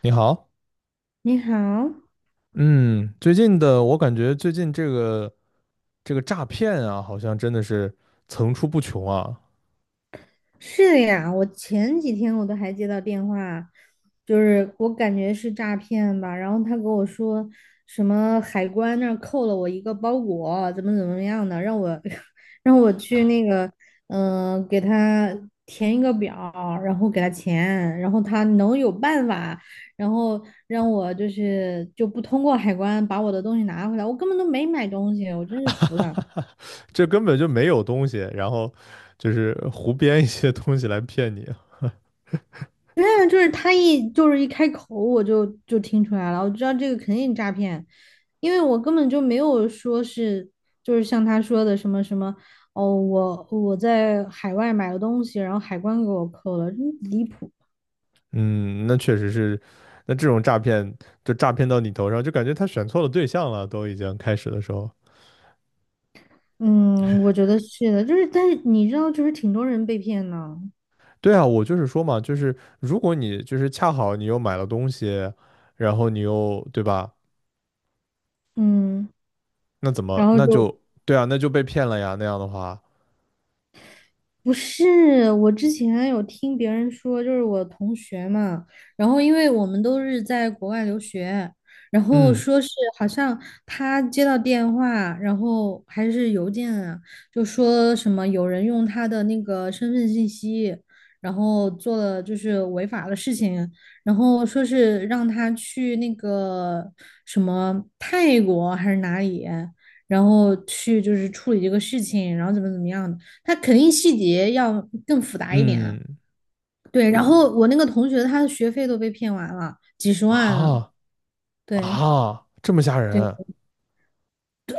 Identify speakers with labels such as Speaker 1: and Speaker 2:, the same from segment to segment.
Speaker 1: 你好。
Speaker 2: 你好。
Speaker 1: 嗯，最近的我感觉最近这个诈骗啊，好像真的是层出不穷啊。
Speaker 2: 是呀，我前几天我都还接到电话，就是我感觉是诈骗吧。然后他跟我说什么海关那儿扣了我一个包裹，怎么怎么样的，让我 让我去那个，给他填一个表儿，然后给他钱，然后他能有办法，然后让我就是就不通过海关把我的东西拿回来。我根本都没买东西，我真是服了。
Speaker 1: 这根本就没有东西，然后就是胡编一些东西来骗你啊。
Speaker 2: 对啊，就是他一开口，我就听出来了，我知道这个肯定诈骗。因为我根本就没有说是就是像他说的什么什么哦，我在海外买了东西，然后海关给我扣了，离谱。
Speaker 1: 嗯，那确实是，那这种诈骗就诈骗到你头上，就感觉他选错了对象了，都已经开始的时候。
Speaker 2: 嗯，我觉得是的，就是但是你知道，就是挺多人被骗呢。
Speaker 1: 对啊，我就是说嘛，就是如果你就是恰好你又买了东西，然后你又，对吧？
Speaker 2: 嗯，
Speaker 1: 那怎么，
Speaker 2: 然后
Speaker 1: 那
Speaker 2: 就
Speaker 1: 就，对啊，那就被骗了呀，那样的话。
Speaker 2: 不是，我之前有听别人说，就是我同学嘛。然后因为我们都是在国外留学，然后
Speaker 1: 嗯。
Speaker 2: 说是好像他接到电话，然后还是邮件啊，就说什么有人用他的那个身份信息，然后做了就是违法的事情，然后说是让他去那个什么泰国还是哪里，然后去就是处理这个事情，然后怎么怎么样的。他肯定细节要更复杂一点啊。
Speaker 1: 嗯，
Speaker 2: 对，然后我那个同学他的学费都被骗完了，几十万了。
Speaker 1: 啊，
Speaker 2: 对，
Speaker 1: 啊，这么吓
Speaker 2: 对
Speaker 1: 人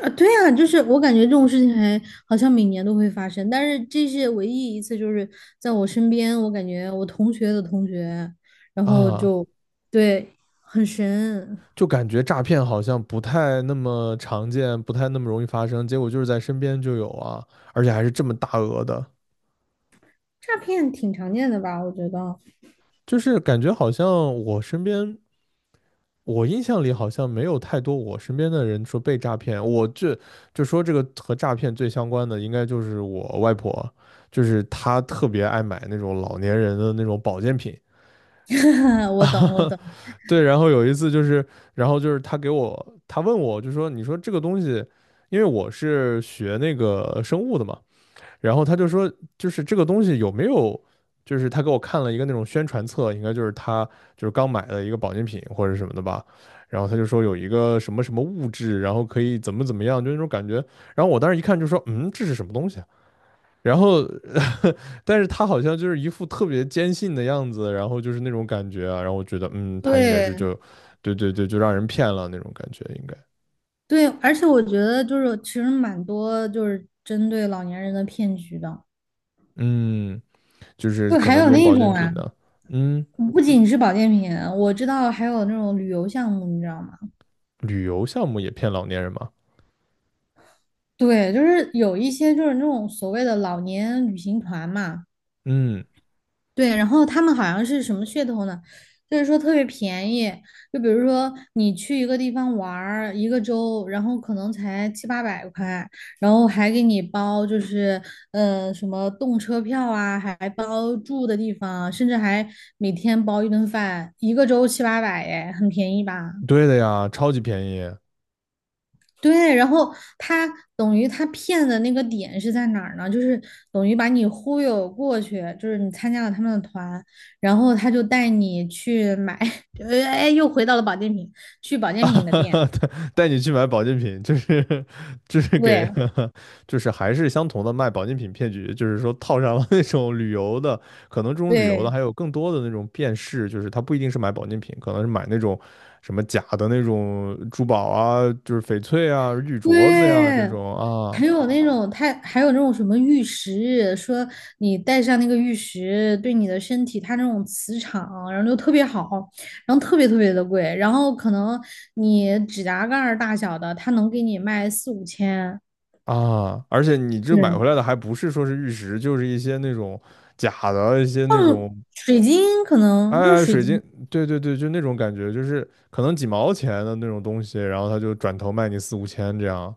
Speaker 2: 啊，对啊，就是我感觉这种事情还好像每年都会发生，但是这是唯一一次，就是在我身边，我感觉我同学的同学，然后
Speaker 1: 啊！
Speaker 2: 就对。很神。
Speaker 1: 就感觉诈骗好像不太那么常见，不太那么容易发生，结果就是在身边就有啊，而且还是这么大额的，
Speaker 2: 诈骗挺常见的吧？我觉得。
Speaker 1: 就是感觉好像我身边，我印象里好像没有太多我身边的人说被诈骗。我这就说这个和诈骗最相关的，应该就是我外婆，就是她特别爱买那种老年人的那种保健品。
Speaker 2: 我懂，我懂，
Speaker 1: 对，然后有一次就是，然后就是他给我，他问我，就说你说这个东西，因为我是学那个生物的嘛，然后他就说，就是这个东西有没有，就是他给我看了一个那种宣传册，应该就是他就是刚买的一个保健品或者什么的吧，然后他就说有一个什么什么物质，然后可以怎么怎么样，就那种感觉，然后我当时一看就说，嗯，这是什么东西啊？然后但是他好像就是一副特别坚信的样子，然后就是那种感觉啊，然后我觉得，嗯，他应该是
Speaker 2: 对。
Speaker 1: 就，对对对，就让人骗了那种感觉，应该。
Speaker 2: 对，而且我觉得就是其实蛮多就是针对老年人的骗局的，
Speaker 1: 嗯，就是
Speaker 2: 就
Speaker 1: 可
Speaker 2: 还
Speaker 1: 能这
Speaker 2: 有
Speaker 1: 种
Speaker 2: 那
Speaker 1: 保健
Speaker 2: 种啊，
Speaker 1: 品的。嗯，
Speaker 2: 不仅是保健品，我知道还有那种旅游项目，你知道吗？
Speaker 1: 旅游项目也骗老年人嘛。
Speaker 2: 对，就是有一些就是那种所谓的老年旅行团嘛。
Speaker 1: 嗯，
Speaker 2: 对，然后他们好像是什么噱头呢？就是说特别便宜。就比如说你去一个地方玩儿一个周，然后可能才七八百块，然后还给你包就是什么动车票啊，还包住的地方，甚至还每天包一顿饭，一个周七八百。哎，很便宜吧？
Speaker 1: 对的呀，超级便宜。
Speaker 2: 对，然后他等于他骗的那个点是在哪儿呢？就是等于把你忽悠过去，就是你参加了他们的团，然后他就带你去买。哎，又回到了保健品，去保健品的店。
Speaker 1: 带你去买保健品，就是就是给，
Speaker 2: 对
Speaker 1: 就是还是相同的卖保健品骗局，就是说套上了那种旅游的，可能这种旅游的
Speaker 2: 对
Speaker 1: 还有更多的那种辨识，就是他不一定是买保健品，可能是买那种什么假的那种珠宝啊，就是翡翠啊、玉镯子呀、这
Speaker 2: 对。
Speaker 1: 种啊。
Speaker 2: 还有那种什么玉石，说你戴上那个玉石，对你的身体它那种磁场，然后就特别好，然后特别特别的贵。然后可能你指甲盖儿大小的，它能给你卖四五千。
Speaker 1: 啊，而且你这买回
Speaker 2: 对，
Speaker 1: 来的还不是说是玉石，就是一些那种假的一些那
Speaker 2: 嗯，
Speaker 1: 种
Speaker 2: 水晶可
Speaker 1: 哎
Speaker 2: 能就是
Speaker 1: 哎，
Speaker 2: 水
Speaker 1: 水晶，
Speaker 2: 晶。
Speaker 1: 对对对，就那种感觉，就是可能几毛钱的那种东西，然后他就转头卖你四五千这样。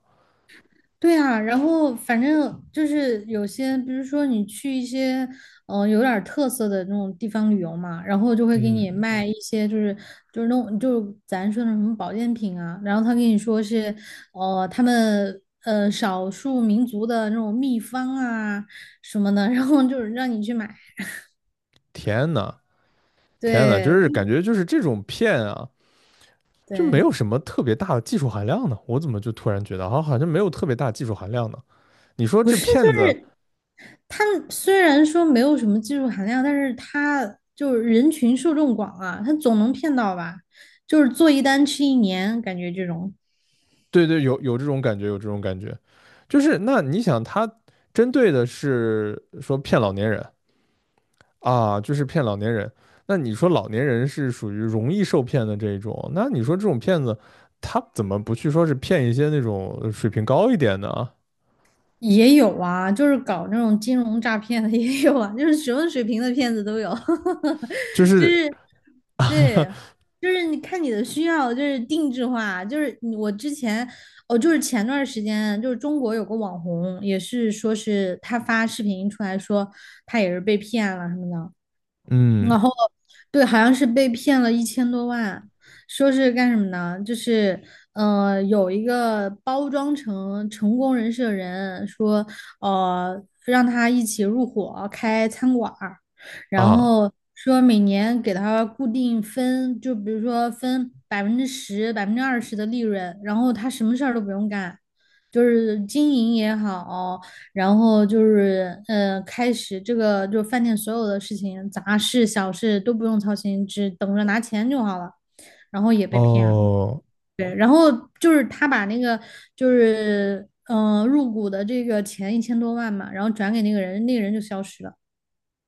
Speaker 2: 对啊，然后反正就是有些，比如说你去一些有点儿特色的那种地方旅游嘛，然后就会给你
Speaker 1: 嗯，
Speaker 2: 卖一些就是那种就是咱说的什么保健品啊。然后他跟你说是他们少数民族的那种秘方啊什么的，然后就是让你去买。
Speaker 1: 天呐，天呐，就
Speaker 2: 对，
Speaker 1: 是感
Speaker 2: 就
Speaker 1: 觉就是这种骗啊，就没
Speaker 2: 对。
Speaker 1: 有什么特别大的技术含量呢。我怎么就突然觉得好，好像没有特别大技术含量呢？你说
Speaker 2: 不
Speaker 1: 这
Speaker 2: 是，就
Speaker 1: 骗子，
Speaker 2: 是他虽然说没有什么技术含量，但是他就是人群受众广啊，他总能骗到吧？就是做一单吃一年，感觉这种
Speaker 1: 对对，有有这种感觉，有这种感觉，就是那你想他针对的是说骗老年人，啊，就是骗老年人。那你说老年人是属于容易受骗的这一种，那你说这种骗子，他怎么不去说是骗一些那种水平高一点的啊？
Speaker 2: 也有啊。就是搞那种金融诈骗的 也有啊，就是什么水平的骗子都有。
Speaker 1: 就是，
Speaker 2: 对，就是你看你的需要，就是定制化，就是你我之前哦，就是前段时间，就是中国有个网红，也是说是他发视频出来说他也是被骗了什么的，然
Speaker 1: 嗯，
Speaker 2: 后对。好像是被骗了一千多万，说是干什么呢？就是有一个包装成成功人士的人说，让他一起入伙开餐馆儿，然
Speaker 1: 啊，
Speaker 2: 后说每年给他固定分，就比如说分10%、20%的利润，然后他什么事儿都不用干，就是经营也好。然后就是开始这个就是饭店所有的事情，杂事小事都不用操心，只等着拿钱就好了。然后也被骗了。
Speaker 1: 哦，
Speaker 2: 对，然后就是他把那个就是入股的这个钱一千多万嘛，然后转给那个人，那个人就消失了。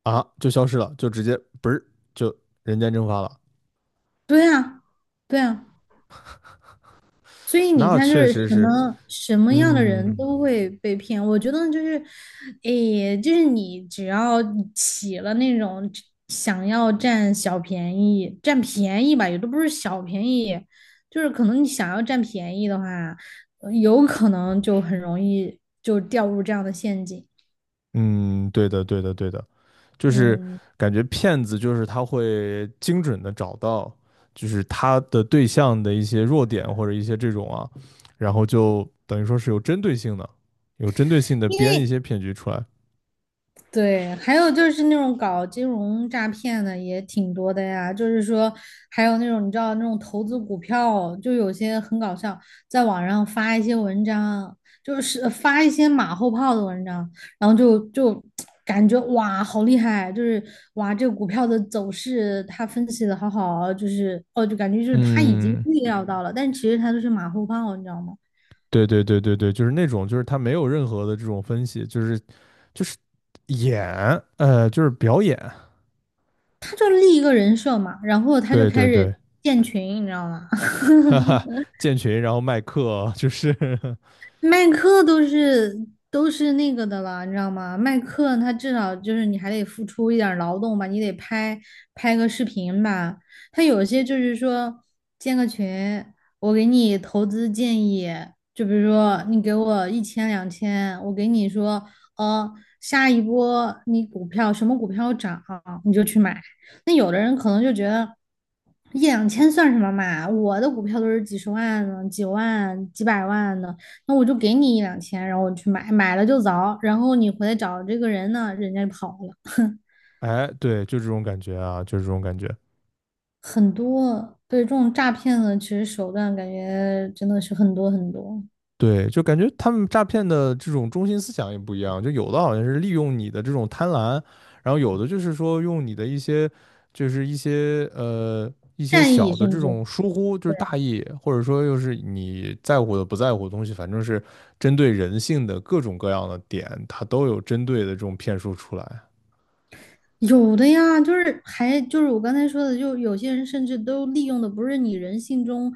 Speaker 1: 啊，就消失了，就直接不是就人间蒸发了。
Speaker 2: 对啊，对啊。所以你
Speaker 1: 那
Speaker 2: 看，就
Speaker 1: 确
Speaker 2: 是
Speaker 1: 实
Speaker 2: 什
Speaker 1: 是。
Speaker 2: 么什么样的人
Speaker 1: 嗯，
Speaker 2: 都会被骗，我觉得就是。诶，就是你只要起了那种想要占小便宜、占便宜吧，也都不是小便宜，就是可能你想要占便宜的话，有可能就很容易就掉入这样的陷阱。
Speaker 1: 嗯，对的对的对的。就是
Speaker 2: 嗯，
Speaker 1: 感觉骗子就是他会精准的找到，就是他的对象的一些弱点或者一些这种啊，然后就等于说是有针对性的，有针对性的
Speaker 2: 因
Speaker 1: 编一
Speaker 2: 为
Speaker 1: 些骗局出来。
Speaker 2: 对，还有就是那种搞金融诈骗的也挺多的呀，就是说还有那种你知道那种投资股票，就有些很搞笑，在网上发一些文章，就是发一些马后炮的文章，然后就 感觉哇好厉害，就是哇这个股票的走势他分析的好好，就是哦就感觉就是他已经
Speaker 1: 嗯，
Speaker 2: 预料到了，但其实他就是马后炮，你知道吗？
Speaker 1: 对对对对对，就是那种就是他没有任何的这种分析，就是就是演，就是表演。
Speaker 2: 他就立一个人设嘛，然后他就
Speaker 1: 对
Speaker 2: 开
Speaker 1: 对
Speaker 2: 始
Speaker 1: 对，
Speaker 2: 建群，你知道吗？
Speaker 1: 哈哈，建群然后卖课，就是，
Speaker 2: 麦克都是那个的了，你知道吗？麦克他至少就是你还得付出一点儿劳动吧，你得拍拍个视频吧。他有些就是说建个群，我给你投资建议，就比如说你给我一千两千，我给你说，呃，下一波你股票什么股票涨，你就去买。那有的人可能就觉得一两千算什么嘛，我的股票都是几十万的、几万、几百万的。那我就给你一两千，然后我去买，买了就走，然后你回来找这个人呢，人家就跑了。
Speaker 1: 哎，对，就这种感觉啊，就这种感觉。
Speaker 2: 很多，对，这种诈骗的其实手段感觉真的是很多很多。
Speaker 1: 对，就感觉他们诈骗的这种中心思想也不一样，就有的好像是利用你的这种贪婪，然后有的就是说用你的一些，就是一些一些
Speaker 2: 善意
Speaker 1: 小的
Speaker 2: 甚
Speaker 1: 这
Speaker 2: 至。
Speaker 1: 种疏忽，就是
Speaker 2: 对，
Speaker 1: 大意，或者说又是你在乎的不在乎的东西，反正是针对人性的各种各样的点，它都有针对的这种骗术出来。
Speaker 2: 有的呀，就是还就是我刚才说的，就有些人甚至都利用的不是你人性中，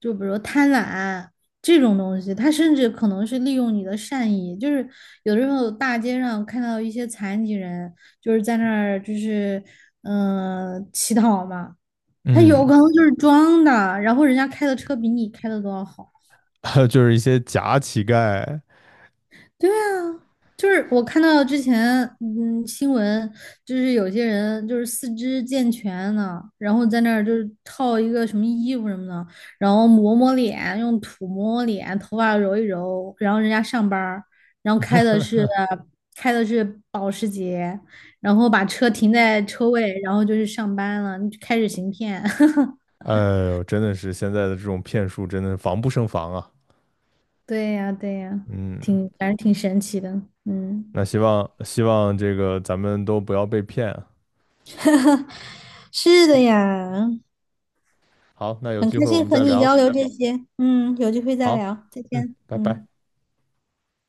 Speaker 2: 就比如贪婪这种东西，他甚至可能是利用你的善意，就是有的时候大街上看到一些残疾人，就是在那儿就是乞讨嘛。他有可
Speaker 1: 嗯，
Speaker 2: 能就是装的，然后人家开的车比你开的都要好。
Speaker 1: 就是一些假乞丐，
Speaker 2: 对啊，就是我看到之前，新闻就是有些人就是四肢健全呢，然后在那儿就是套一个什么衣服什么的，然后抹抹脸，用土抹抹脸，头发揉一揉，然后人家上班儿，然后开的是保时捷，然后把车停在车位，然后就去上班了，开始行骗。
Speaker 1: 哎呦，真的是现在的这种骗术真的防不胜防啊。
Speaker 2: 对呀，对呀，
Speaker 1: 嗯，
Speaker 2: 反正挺神奇的，嗯。
Speaker 1: 那希望希望这个咱们都不要被骗啊。
Speaker 2: 是的呀。
Speaker 1: 好，那有
Speaker 2: 很
Speaker 1: 机
Speaker 2: 开
Speaker 1: 会我
Speaker 2: 心
Speaker 1: 们
Speaker 2: 和
Speaker 1: 再
Speaker 2: 你交
Speaker 1: 聊。
Speaker 2: 流这些，嗯，有机会再
Speaker 1: 好，
Speaker 2: 聊，再
Speaker 1: 嗯，
Speaker 2: 见，
Speaker 1: 拜拜。
Speaker 2: 嗯。